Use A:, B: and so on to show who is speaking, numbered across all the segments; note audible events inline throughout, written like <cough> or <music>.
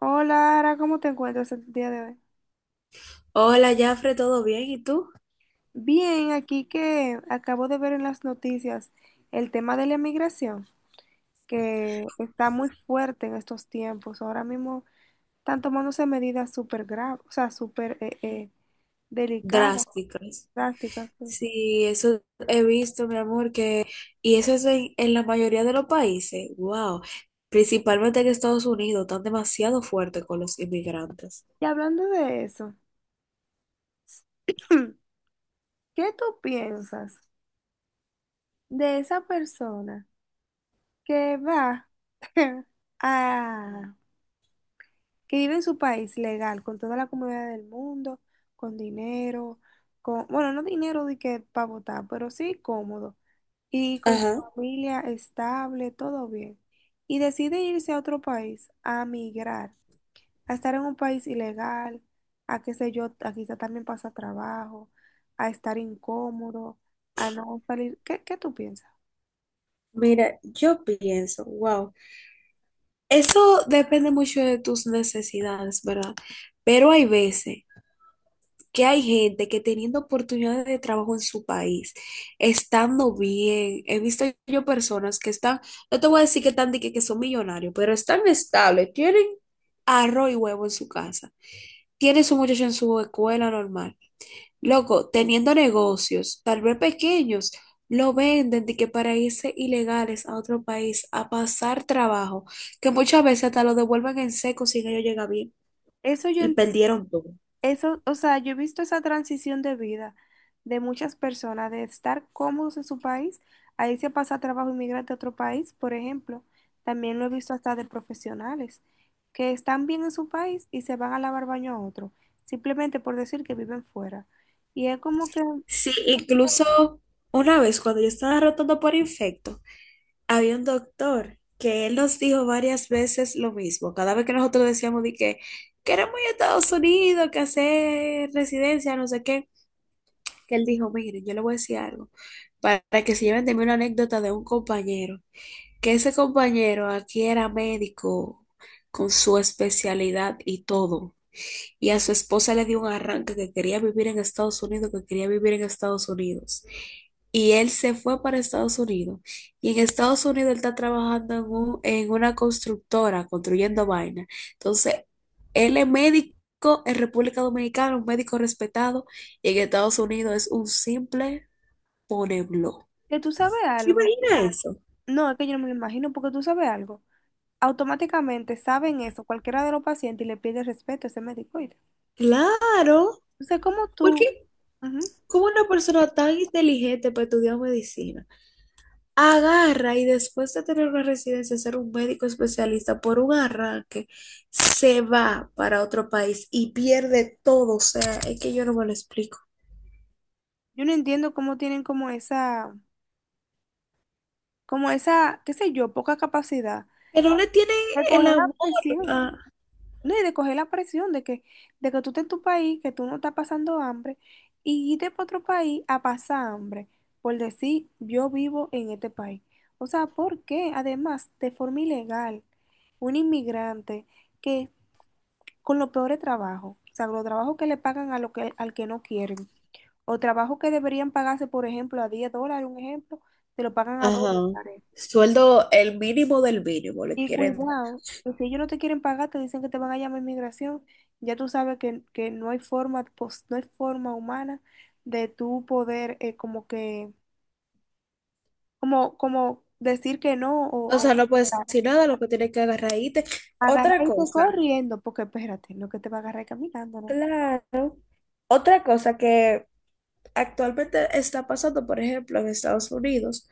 A: Hola, Ara, ¿cómo te encuentras el día de hoy?
B: Hola, Jafre, ¿todo bien? ¿Y tú?
A: Bien, aquí que acabo de ver en las noticias el tema de la inmigración, que está muy fuerte en estos tiempos. Ahora mismo están tomándose medidas súper graves, o sea, súper delicadas,
B: Drásticas.
A: drásticas. Sí.
B: Sí, eso he visto, mi amor, que... Y eso es en la mayoría de los países. Wow. Principalmente en Estados Unidos, están demasiado fuertes con los inmigrantes.
A: Y hablando de eso, <clears throat> ¿qué tú piensas de esa persona que va que vive en su país legal, con toda la comodidad del mundo, con dinero, con, bueno, no dinero de que para votar, pero sí cómodo, y con su
B: Ajá.
A: familia estable, todo bien, y decide irse a otro país, a migrar, a estar en un país ilegal, a qué sé yo, a quizá también pasa trabajo, a estar incómodo, a no salir, ¿qué tú piensas?
B: Mira, yo pienso, wow. Eso depende mucho de tus necesidades, ¿verdad? Pero hay veces que hay gente que teniendo oportunidades de trabajo en su país, estando bien, he visto yo personas que están, no te voy a decir que están de que son millonarios, pero están estables, tienen arroz y huevo en su casa, tienen su muchacho en su escuela normal. Loco, teniendo negocios, tal vez pequeños, lo venden de que para irse ilegales a otro país a pasar trabajo, que muchas veces hasta lo devuelven en seco si ellos llegan bien
A: Eso yo.
B: y perdieron todo.
A: Eso, o sea, yo he visto esa transición de vida de muchas personas, de estar cómodos en su país, ahí se pasa a trabajo inmigrante a otro país, por ejemplo. También lo he visto hasta de profesionales que están bien en su país y se van a lavar baño a otro, simplemente por decir que viven fuera. Y es como
B: Sí, incluso una vez cuando yo estaba rotando por infecto, había un doctor que él nos dijo varias veces lo mismo. Cada vez que nosotros decíamos de que queremos ir a Estados Unidos, que hacer residencia, no sé qué, que él dijo, miren, yo le voy a decir algo para que se lleven de mí una anécdota de un compañero, que ese compañero aquí era médico con su especialidad y todo. Y a su esposa le dio un arranque que quería vivir en Estados Unidos, que quería vivir en Estados Unidos. Y él se fue para Estados Unidos. Y en Estados Unidos él está trabajando en, en una constructora, construyendo vainas. Entonces, él es médico en República Dominicana, un médico respetado, y en Estados Unidos es un simple poneblo.
A: que tú sabes algo.
B: Imagina eso.
A: No, es que yo no me lo imagino, porque tú sabes algo. Automáticamente saben eso, cualquiera de los pacientes, y le pide respeto a ese médico, oíste.
B: Claro,
A: Entonces, ¿cómo tú?
B: porque
A: Ujú.
B: como una persona tan inteligente para estudiar medicina agarra y después de tener una residencia, ser un médico especialista por un arranque, se va para otro país y pierde todo. O sea, es que yo no me lo explico.
A: Yo no entiendo cómo tienen como esa, qué sé yo, poca capacidad
B: Que no le tienen
A: de
B: el
A: coger la
B: amor
A: presión.
B: a-
A: No, y de coger la presión de que tú estés en tu país, que tú no estás pasando hambre, y irte para otro país a pasar hambre, por decir, yo vivo en este país. O sea, ¿por qué? Además, de forma ilegal, un inmigrante que con los peores trabajos, o sea, los trabajos que le pagan a lo que, al que no quieren. O trabajo que deberían pagarse, por ejemplo, a $10, un ejemplo, te lo pagan a 2
B: Ajá.
A: dólares.
B: Sueldo el mínimo del mínimo le
A: Y
B: quieren dar.
A: cuidado, que si ellos no te quieren pagar, te dicen que te van a llamar a inmigración. Ya tú sabes que no hay forma, no hay forma humana de tú poder como que, como, como decir que no o,
B: O
A: o
B: sea, no puedes decir nada, lo que tienes que agarrar y irte.
A: agarrar
B: Otra
A: y irte
B: cosa,
A: corriendo, porque espérate, no que te va a agarrar caminando, ¿no?
B: claro. Otra cosa que actualmente está pasando, por ejemplo, en Estados Unidos,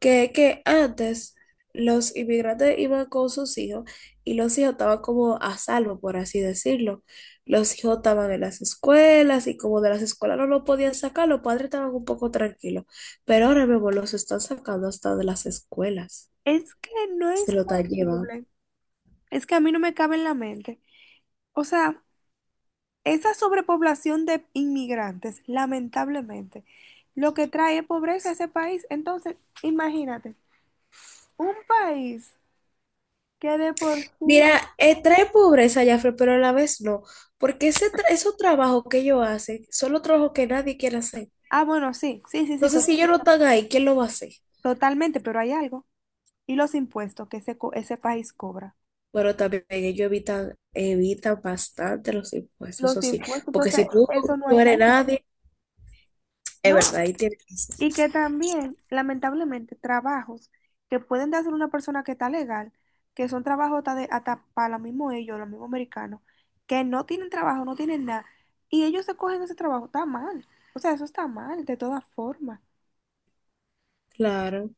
B: que antes los inmigrantes iban con sus hijos y los hijos estaban como a salvo, por así decirlo. Los hijos estaban en las escuelas y como de las escuelas no lo podían sacar, los padres estaban un poco tranquilos. Pero ahora mismo los están sacando hasta de las escuelas
A: Es que no
B: y se
A: es
B: lo están llevando.
A: posible. Es que a mí no me cabe en la mente. O sea, esa sobrepoblación de inmigrantes, lamentablemente, lo que trae es pobreza a ese país. Entonces, imagínate, un país que de por sí...
B: Mira, trae pobreza, Jafre, pero a la vez no, porque esos trabajos que ellos hacen son los trabajos que nadie quiere hacer.
A: Ah, bueno, sí, sí, sí, sí,
B: Entonces, si ellos no están ahí, ¿quién lo va a hacer?
A: totalmente, pero hay algo. Y los impuestos que ese, ese país cobra.
B: Pero también ellos evitan, evitan bastante los impuestos,
A: Los
B: eso sí.
A: impuestos,
B: Porque
A: entonces,
B: si tú
A: eso no
B: no eres
A: ayuda.
B: nadie, es
A: No.
B: verdad, ahí tienes que ser.
A: Y que también, lamentablemente, trabajos que pueden hacer una persona que está legal, que son trabajos hasta, hasta para los mismos ellos, los mismos americanos, que no tienen trabajo, no tienen nada, y ellos se cogen ese trabajo, está mal. O sea, eso está mal, de todas formas.
B: Claro.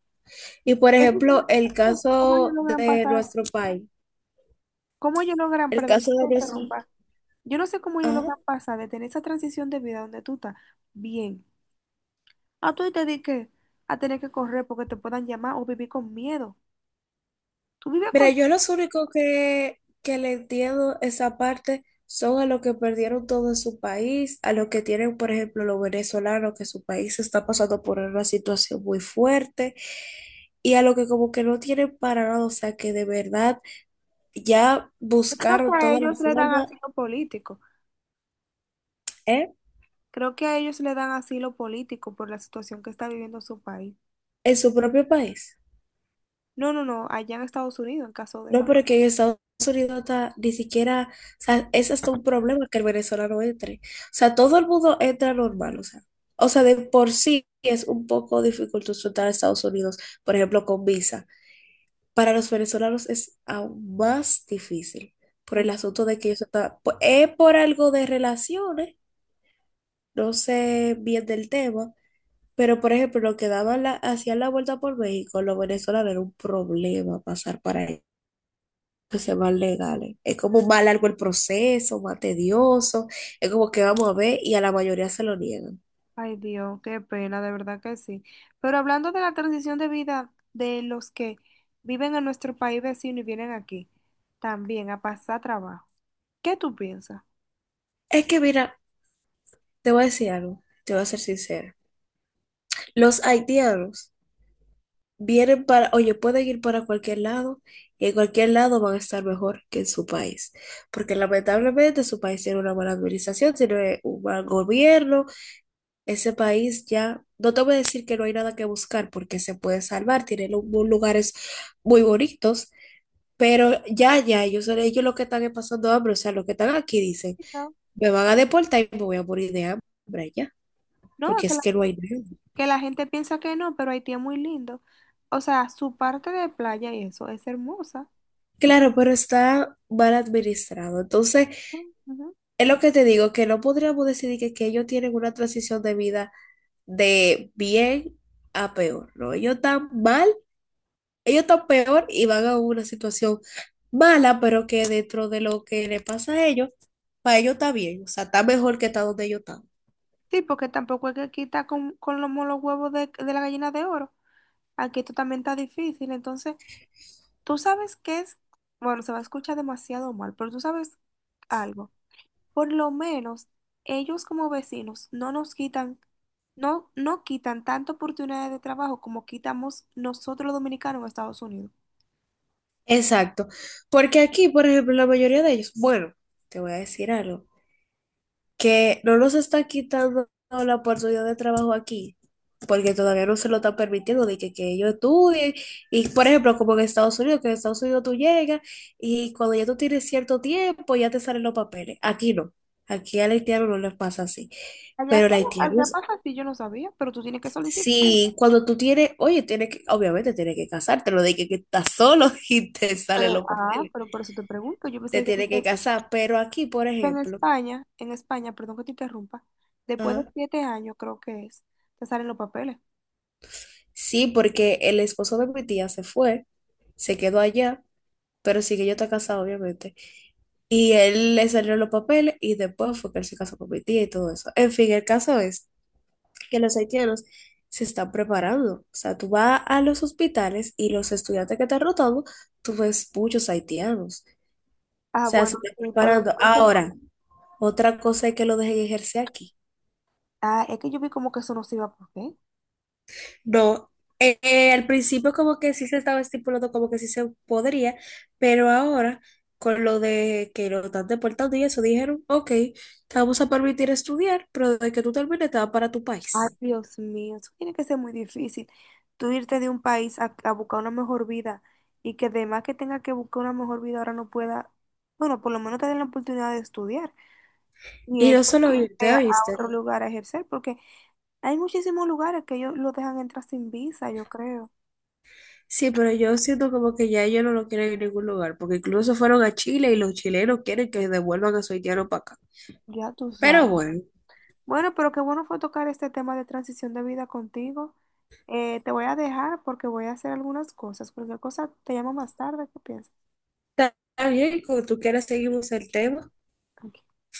B: Y por
A: Eso. Es que
B: ejemplo, el
A: yo no. ¿Cómo ellos
B: caso
A: logran
B: de
A: pasar?
B: nuestro país,
A: ¿Cómo ellos logran,
B: el
A: perdón que
B: caso
A: te
B: de Brasil.
A: interrumpa? Yo no sé cómo ellos
B: Ah,
A: logran pasar de tener esa transición de vida donde tú estás bien, a tú y te di que a tener que correr porque te puedan llamar o vivir con miedo. Tú vives
B: mira,
A: con.
B: yo los únicos que le entiendo esa parte son a los que perdieron todo en su país, a los que tienen, por ejemplo, los venezolanos, que su país está pasando por una situación muy fuerte, y a los que como que no tienen para nada, o sea, que de verdad ya
A: Yo creo que
B: buscaron
A: a
B: toda la
A: ellos le dan
B: forma,
A: asilo político.
B: ¿eh?
A: Creo que a ellos le dan asilo político por la situación que está viviendo su país.
B: En su propio país.
A: No, no, no, allá en Estados Unidos, en caso de...
B: No, porque en Estados Unidos está ni siquiera, o sea, es hasta un problema que el venezolano entre. O sea, todo el mundo entra normal, o sea, de por sí es un poco dificultoso entrar a Estados Unidos, por ejemplo, con visa. Para los venezolanos es aún más difícil por el
A: Ay,
B: asunto de que ellos están, es por algo de relaciones, no sé bien del tema, pero por ejemplo, lo que daban la, hacían la vuelta por México, los venezolanos era un problema pasar para que sean más legales. Es como más largo el proceso, más tedioso. Es como que vamos a ver y a la mayoría se lo niegan.
A: ay, Dios, qué pena, de verdad que sí. Pero hablando de la transición de vida de los que viven en nuestro país vecino y vienen aquí, también a pasar trabajo. ¿Qué tú piensas?
B: Es que mira, te voy a decir algo, te voy a ser sincera. Los haitianos vienen para, oye, pueden ir para cualquier lado y en cualquier lado van a estar mejor que en su país. Porque lamentablemente su país tiene una mala administración, tiene un mal gobierno. Ese país ya, no te voy a decir que no hay nada que buscar porque se puede salvar, tiene lugares muy bonitos. Pero ya, ya, ellos son ellos los que están pasando hambre, o sea, los que están aquí dicen,
A: No,
B: me van a deportar y me voy a morir de hambre ya,
A: no,
B: porque es que no hay nada.
A: que la gente piensa que no, pero Haití es muy lindo. O sea, su parte de playa y eso es hermosa.
B: Claro, pero está mal administrado. Entonces,
A: Ujú.
B: es lo que te digo, que no podríamos decir que ellos tienen una transición de vida de bien a peor, ¿no? Ellos están mal, ellos están peor y van a una situación mala, pero que dentro de lo que le pasa a ellos, para ellos está bien, o sea, está mejor que está donde ellos están.
A: Sí, porque tampoco es que aquí está con los molos huevos de la gallina de oro. Aquí esto también está difícil. Entonces, tú sabes que es, bueno, se va a escuchar demasiado mal, pero tú sabes algo. Por lo menos ellos como vecinos no nos quitan, no, no quitan tanta oportunidad de trabajo como quitamos nosotros los dominicanos en Estados Unidos.
B: Exacto. Porque aquí, por ejemplo, la mayoría de ellos, bueno, te voy a decir algo, que no nos está quitando la oportunidad de trabajo aquí, porque todavía no se lo están permitiendo de que ellos estudien. Y, por ejemplo, como en Estados Unidos, que en Estados Unidos tú llegas y cuando ya tú tienes cierto tiempo ya te salen los papeles. Aquí no. Aquí al haitiano no les pasa así.
A: Allá,
B: Pero el haitiano,
A: allá pasa así, yo no sabía, pero tú tienes que solicitar.
B: sí, cuando tú tienes, oye, tienes que, obviamente tienes que casarte, lo de que estás solo <laughs> y te salen
A: Pero,
B: los
A: ah,
B: papeles.
A: pero por eso te pregunto, yo
B: Te
A: pensé que...
B: tiene que casar. Pero aquí, por
A: Pero
B: ejemplo,
A: En España, perdón que te interrumpa, después de
B: ajá,
A: 7 años creo que es, te salen los papeles.
B: sí, porque el esposo de mi tía se fue, se quedó allá, pero sí que yo está casado, obviamente. Y él le salió los papeles y después fue que él se casó con mi tía y todo eso. En fin, el caso es que los haitianos se están preparando. O sea, tú vas a los hospitales y los estudiantes que están rotando, tú ves muchos haitianos. O
A: Ah,
B: sea, se
A: bueno,
B: están
A: y por lo
B: preparando.
A: que...
B: Ahora, otra cosa es que lo dejen ejercer aquí.
A: Ah, es que yo vi como que eso no se iba a poder.
B: No, al principio como que sí se estaba estipulando como que sí se podría, pero ahora con lo de que lo están deportando y eso, dijeron, ok, te vamos a permitir estudiar, pero de que tú termines te vas para tu
A: Ay,
B: país.
A: Dios mío, eso tiene que ser muy difícil. Tú irte de un país a buscar una mejor vida y que además que tenga que buscar una mejor vida ahora no pueda, bueno, por lo menos te den la oportunidad de estudiar y
B: Y
A: ellos
B: no solo yo, te
A: irse a
B: oíste.
A: otro lugar a ejercer, porque hay muchísimos lugares que ellos lo dejan entrar sin visa, yo creo.
B: Sí, pero yo siento como que ya ellos no lo quieren en ningún lugar, porque incluso fueron a Chile y los chilenos quieren que devuelvan a su haitiano para acá.
A: Ya tú
B: Pero
A: sabes.
B: bueno,
A: Bueno, pero qué bueno fue tocar este tema de transición de vida contigo. Te voy a dejar porque voy a hacer algunas cosas. Cualquier cosa te llamo más tarde. ¿Qué piensas?
B: está bien, como tú quieras seguimos el tema.
A: Ok.